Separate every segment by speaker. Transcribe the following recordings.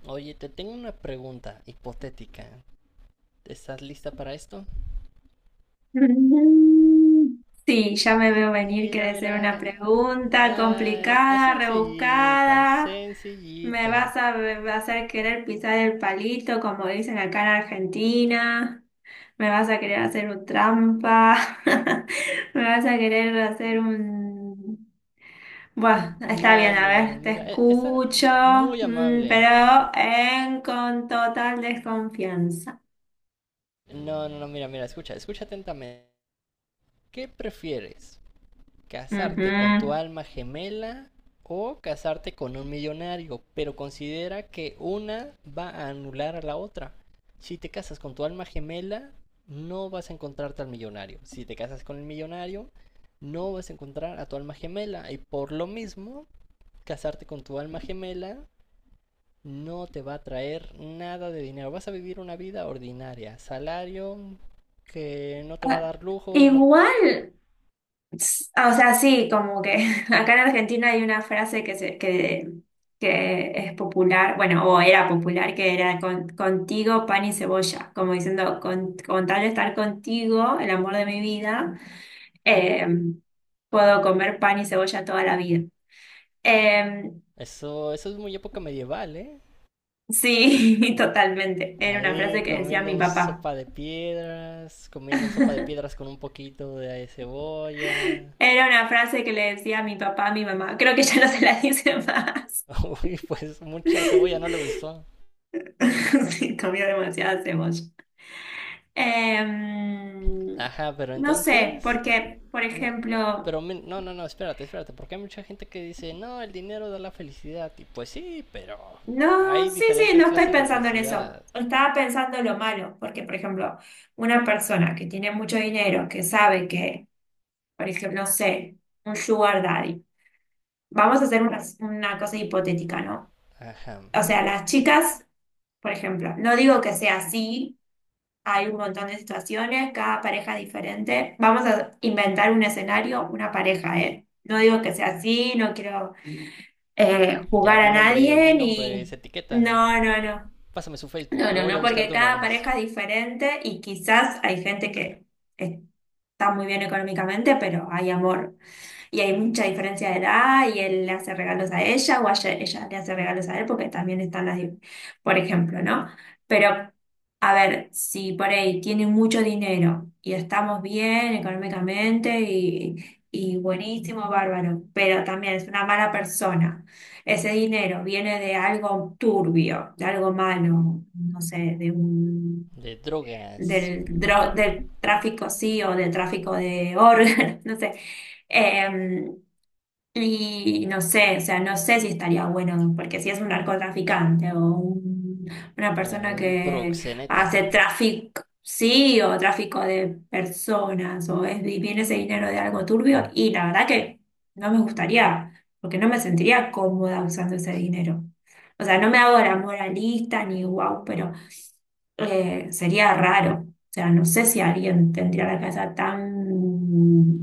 Speaker 1: Oye, te tengo una pregunta hipotética. ¿Estás lista para esto?
Speaker 2: Sí, ya me
Speaker 1: Eh,
Speaker 2: veo venir que
Speaker 1: Mira,
Speaker 2: de ser
Speaker 1: mira.
Speaker 2: una pregunta
Speaker 1: Ah, es
Speaker 2: complicada,
Speaker 1: sencillita,
Speaker 2: rebuscada.
Speaker 1: sencillita.
Speaker 2: Me vas a hacer querer pisar el palito, como dicen acá en Argentina. Me vas a querer hacer un trampa. Me vas a querer hacer un... Bueno, está
Speaker 1: No,
Speaker 2: bien,
Speaker 1: no,
Speaker 2: a
Speaker 1: no,
Speaker 2: ver, te
Speaker 1: mira, está
Speaker 2: escucho.
Speaker 1: muy amable.
Speaker 2: Pero en, con total desconfianza.
Speaker 1: No, no, no, mira, mira, escucha, escucha atentamente. ¿Qué prefieres? Casarte con tu
Speaker 2: Ujú.
Speaker 1: alma gemela o casarte con un millonario, pero considera que una va a anular a la otra. Si te casas con tu alma gemela, no vas a encontrarte al millonario. Si te casas con el millonario, no vas a encontrar a tu alma gemela. Y por lo mismo, casarte con tu alma gemela no te va a traer nada de dinero. Vas a vivir una vida ordinaria. Salario que no te va a
Speaker 2: Ah,
Speaker 1: dar lujos.
Speaker 2: igual. O sea, sí, como que acá en Argentina hay una frase que es popular, bueno, o era popular, que era contigo pan y cebolla, como diciendo, con tal de estar contigo, el amor de mi vida, eh, puedo comer pan y cebolla toda la vida. Eh,
Speaker 1: Eso, eso es muy época medieval, ¿eh?
Speaker 2: sí, totalmente. Era una
Speaker 1: Ahí
Speaker 2: frase que decía mi
Speaker 1: comiendo
Speaker 2: papá.
Speaker 1: sopa de piedras, comiendo sopa de piedras con un poquito de cebolla.
Speaker 2: Era una frase que le decía a mi papá, a mi mamá. Creo que ya no se la dice más.
Speaker 1: Uy, pues mucha cebolla no le gustó.
Speaker 2: Sí, comió demasiada cebolla. Em,
Speaker 1: Ajá, pero
Speaker 2: no sé,
Speaker 1: entonces...
Speaker 2: porque, por
Speaker 1: me-
Speaker 2: ejemplo,
Speaker 1: No, no, no, espérate, espérate, porque hay mucha gente que dice, no, el dinero da la felicidad. Y pues sí, pero
Speaker 2: no,
Speaker 1: hay
Speaker 2: sí, sí,
Speaker 1: diferentes
Speaker 2: no estoy
Speaker 1: clases de
Speaker 2: pensando en eso.
Speaker 1: felicidad.
Speaker 2: Estaba pensando lo malo, porque, por ejemplo, una persona que tiene mucho dinero, que sabe que, por ejemplo, no sé, un sugar daddy. Vamos a hacer una cosa hipotética, ¿no?
Speaker 1: Ajá.
Speaker 2: O sea, las chicas, por ejemplo, no digo que sea así. Hay un montón de situaciones, cada pareja es diferente. Vamos a inventar un escenario, una pareja, ¿eh? No digo que sea así, no quiero
Speaker 1: Ya
Speaker 2: jugar a
Speaker 1: di
Speaker 2: nadie,
Speaker 1: nombres,
Speaker 2: ni...
Speaker 1: etiqueta.
Speaker 2: No, no, no.
Speaker 1: Pásame su Facebook,
Speaker 2: No,
Speaker 1: lo
Speaker 2: no,
Speaker 1: voy a
Speaker 2: no,
Speaker 1: buscar
Speaker 2: porque
Speaker 1: de una
Speaker 2: cada
Speaker 1: vez.
Speaker 2: pareja es diferente y quizás hay gente que está muy bien económicamente, pero hay amor. Y hay mucha diferencia de edad y él le hace regalos a ella o a ella, ella le hace regalos a él porque también están por ejemplo, ¿no? Pero, a ver, si por ahí tiene mucho dinero y estamos bien económicamente y buenísimo, bárbaro, pero también es una mala persona, ese dinero viene de algo turbio, de algo malo, no sé, de un,
Speaker 1: De drogas.
Speaker 2: del, dro- del tráfico sí o del tráfico de órganos, no sé. Em, y no sé, o sea, no sé si estaría bueno, porque si es un narcotraficante o una
Speaker 1: O
Speaker 2: persona
Speaker 1: un
Speaker 2: que
Speaker 1: proxeneta.
Speaker 2: hace tráfico, sí, o tráfico de personas, o es, y viene ese dinero de algo turbio, y la verdad que no me gustaría, porque no me sentiría cómoda usando ese dinero. O sea, no me hago la moralista ni guau, pero sería raro. O sea, no sé si alguien tendría la cabeza tan...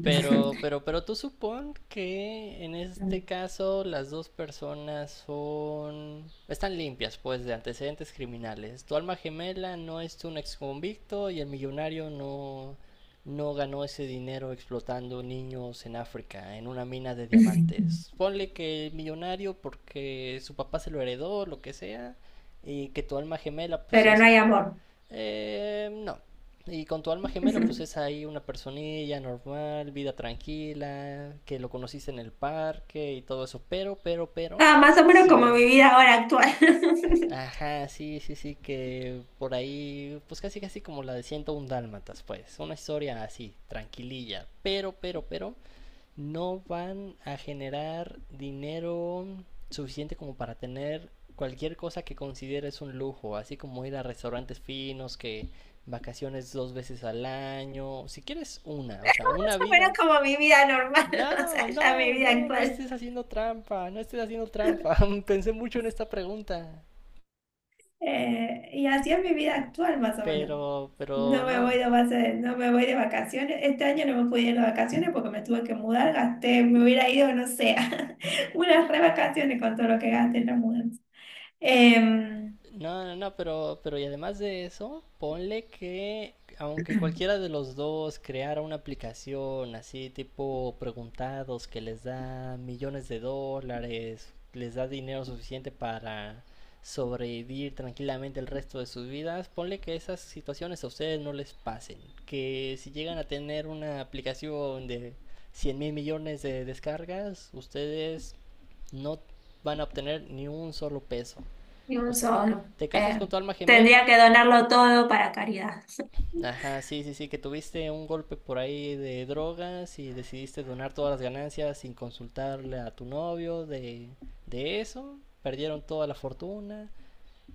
Speaker 1: Pero tú supón que en este caso las dos personas son... están limpias, pues, de antecedentes criminales. Tu alma gemela no es un exconvicto y el millonario no, no ganó ese dinero explotando niños en África, en una mina de diamantes. Ponle que el millonario porque su papá se lo heredó, lo que sea, y que tu alma gemela pues
Speaker 2: Pero no
Speaker 1: es
Speaker 2: hay amor.
Speaker 1: no. Y con tu alma gemela, pues es ahí una personilla normal, vida tranquila, que lo conociste en el parque y todo eso. Pero,
Speaker 2: Ah, más o menos como
Speaker 1: sí.
Speaker 2: mi vida ahora actual.
Speaker 1: Ajá, sí, sí, sí, que por ahí, pues casi, casi como la de 101 Dálmatas, pues. Una historia así, tranquililla. Pero, no van a generar dinero suficiente como para tener cualquier cosa que consideres un lujo, así como ir a restaurantes finos, que vacaciones dos veces al año, si quieres una, o sea, una
Speaker 2: Más o menos
Speaker 1: vida.
Speaker 2: como mi vida normal,
Speaker 1: No,
Speaker 2: o sea, ya mi
Speaker 1: no,
Speaker 2: vida
Speaker 1: no, no
Speaker 2: actual.
Speaker 1: estés haciendo trampa, no estés haciendo trampa. Pensé mucho en esta pregunta,
Speaker 2: Y así es mi vida actual, más o menos.
Speaker 1: pero
Speaker 2: No me
Speaker 1: no.
Speaker 2: voy de base- No me voy de vacaciones. Este año no me pude ir de vacaciones porque me tuve que mudar, gasté, me hubiera ido, no sé, unas re vacaciones con todo lo que gasté en la mudanza. Em,
Speaker 1: No, no, no, pero y además de eso, ponle que aunque cualquiera de los dos creara una aplicación así tipo preguntados que les da millones de dólares, les da dinero suficiente para sobrevivir tranquilamente el resto de sus vidas, ponle que esas situaciones a ustedes no les pasen, que si llegan a tener una aplicación de 100.000 millones de descargas, ustedes no van a obtener ni un solo peso.
Speaker 2: y
Speaker 1: O
Speaker 2: un
Speaker 1: sea,
Speaker 2: solo.
Speaker 1: te casas
Speaker 2: Eh,
Speaker 1: con tu alma
Speaker 2: Tendría
Speaker 1: gemela.
Speaker 2: que donarlo todo para caridad.
Speaker 1: Ajá, sí, sí, sí, que tuviste un golpe por ahí de drogas y decidiste donar todas las ganancias sin consultarle a tu novio de eso. Perdieron toda la fortuna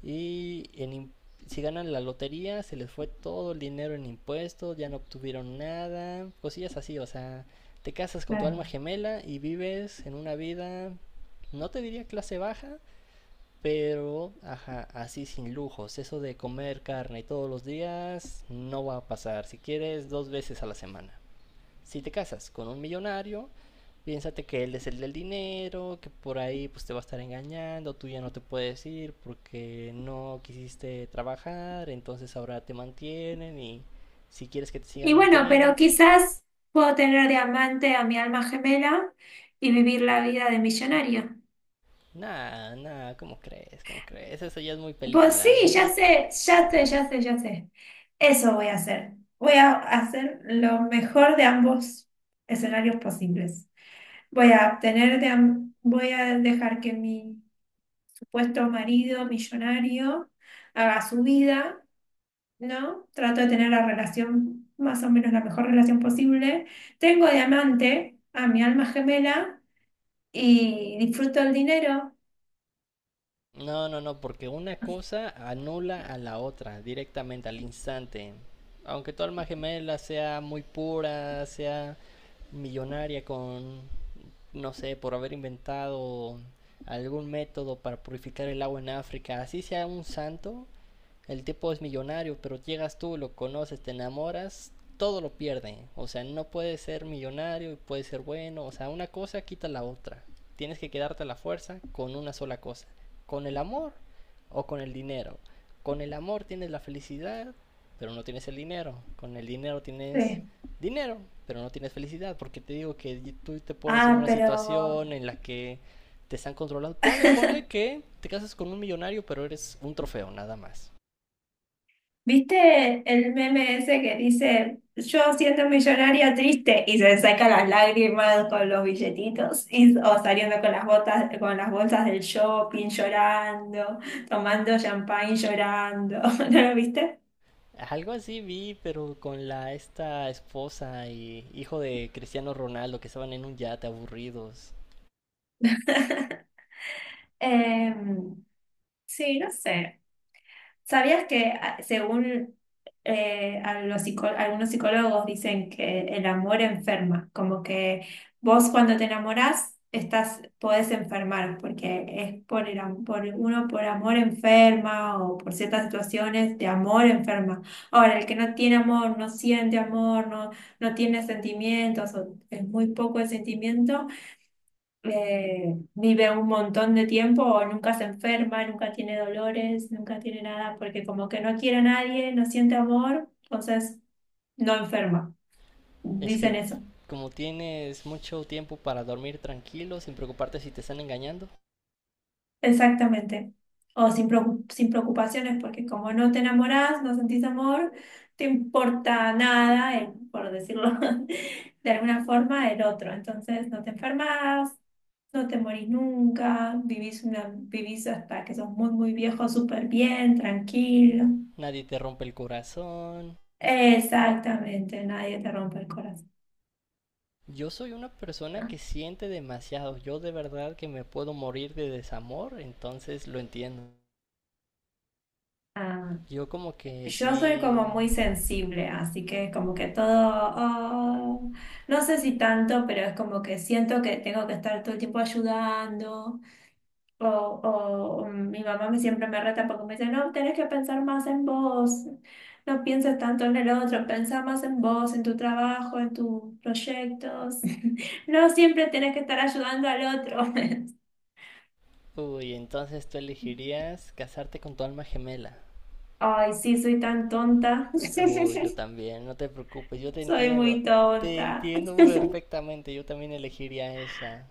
Speaker 1: y si ganan la lotería se les fue todo el dinero en impuestos, ya no obtuvieron nada, cosillas así, o sea, te casas con tu alma
Speaker 2: Claro.
Speaker 1: gemela y vives en una vida, no te diría clase baja, pero, ajá, así sin lujos. Eso de comer carne todos los días no va a pasar. Si quieres, dos veces a la semana. Si te casas con un millonario, piénsate que él es el del dinero, que por ahí pues te va a estar engañando, tú ya no te puedes ir porque no quisiste trabajar, entonces ahora te mantienen y si quieres que te
Speaker 2: Y
Speaker 1: sigan
Speaker 2: bueno,
Speaker 1: manteniendo.
Speaker 2: pero quizás puedo tener de amante a mi alma gemela y vivir la vida de millonaria.
Speaker 1: Nah, nah, ¿cómo crees? ¿Cómo crees? Eso ya es muy
Speaker 2: Pues sí,
Speaker 1: película.
Speaker 2: ya sé, ya sé, ya sé, ya sé. Eso voy a hacer. Voy a hacer lo mejor de ambos escenarios posibles. Voy a tener voy a dejar que mi supuesto marido millonario haga su vida, ¿no? Trato de tener la relación, más o menos la mejor relación posible. Tengo de amante a mi alma gemela y disfruto el dinero.
Speaker 1: No, no, no, porque una cosa anula a la otra directamente, al instante. Aunque tu alma gemela sea muy pura, sea millonaria con no sé, por haber inventado algún método para purificar el agua en África, así sea un santo, el tipo es millonario, pero llegas tú, lo conoces, te enamoras, todo lo pierde. O sea, no puede ser millonario y puede ser bueno. O sea, una cosa quita la otra. Tienes que quedarte a la fuerza con una sola cosa. Con el amor o con el dinero. Con el amor tienes la felicidad, pero no tienes el dinero. Con el dinero tienes
Speaker 2: Sí.
Speaker 1: dinero, pero no tienes felicidad, porque te digo que tú te pones en
Speaker 2: Ah,
Speaker 1: una
Speaker 2: pero
Speaker 1: situación en la que te están controlando. Ponle que te casas con un millonario, pero eres un trofeo, nada más.
Speaker 2: ¿viste el meme ese que dice yo siendo millonaria triste y se saca las lágrimas con los billetitos y, o saliendo con las botas, con las bolsas del shopping llorando, tomando champagne llorando? ¿No lo viste?
Speaker 1: Algo así vi, pero con la esta esposa y hijo de Cristiano Ronaldo que estaban en un yate aburridos.
Speaker 2: Em, sí, no sé. ¿Sabías que según algunos psicólogos dicen que el amor enferma? Como que vos cuando te enamorás estás, podés enfermar, porque es por uno por amor enferma o por ciertas situaciones de amor enferma. Ahora, el que no tiene amor, no siente amor, no, no tiene sentimientos, o es muy poco el sentimiento vive un montón de tiempo o nunca se enferma, nunca tiene dolores, nunca tiene nada, porque como que no quiere a nadie, no siente amor, entonces no enferma.
Speaker 1: Es
Speaker 2: Dicen
Speaker 1: que
Speaker 2: eso.
Speaker 1: como tienes mucho tiempo para dormir tranquilo, sin preocuparte si te están engañando,
Speaker 2: Exactamente. O sin preocupaciones, porque como no te enamorás, no sentís amor, te importa nada, por decirlo de alguna forma, el otro. Entonces no te enfermas, no te morís nunca, vivís, vivís hasta que sos muy, muy viejo, súper bien, tranquilo.
Speaker 1: nadie te rompe el corazón.
Speaker 2: Exactamente, nadie te rompe el corazón.
Speaker 1: Yo soy una persona que siente demasiado. Yo de verdad que me puedo morir de desamor, entonces lo entiendo.
Speaker 2: Ah,
Speaker 1: Yo como que
Speaker 2: yo soy
Speaker 1: sí...
Speaker 2: como muy sensible, así que es como que todo, oh, no sé si tanto, pero es como que siento que tengo que estar todo el tiempo ayudando, o mi mamá me siempre me reta porque me dice, no, tenés que pensar más en vos, no pienses tanto en el otro, pensá más en vos, en tu trabajo, en tus proyectos, no siempre tenés que estar ayudando al otro.
Speaker 1: Uy, entonces tú elegirías casarte con tu alma gemela.
Speaker 2: Ay, sí, soy tan tonta,
Speaker 1: Uy, yo también, no te preocupes, yo te
Speaker 2: soy
Speaker 1: entiendo.
Speaker 2: muy
Speaker 1: Te
Speaker 2: tonta.
Speaker 1: entiendo perfectamente, yo también elegiría esa.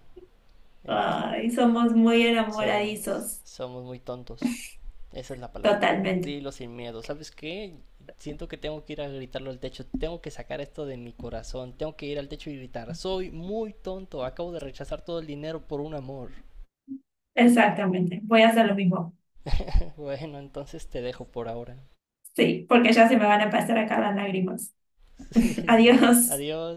Speaker 1: Ent-
Speaker 2: Ay, somos muy
Speaker 1: Somos,
Speaker 2: enamoradizos,
Speaker 1: somos muy tontos. Esa es la palabra.
Speaker 2: totalmente.
Speaker 1: Dilo sin miedo. ¿Sabes qué? Siento que tengo que ir a gritarlo al techo. Tengo que sacar esto de mi corazón. Tengo que ir al techo y gritar. Soy muy tonto. Acabo de rechazar todo el dinero por un amor.
Speaker 2: Exactamente, voy a hacer lo mismo.
Speaker 1: Bueno, entonces te dejo por ahora.
Speaker 2: Sí, porque ya se me van a pasar acá las lágrimas.
Speaker 1: Sí, sí.
Speaker 2: Adiós.
Speaker 1: Adiós.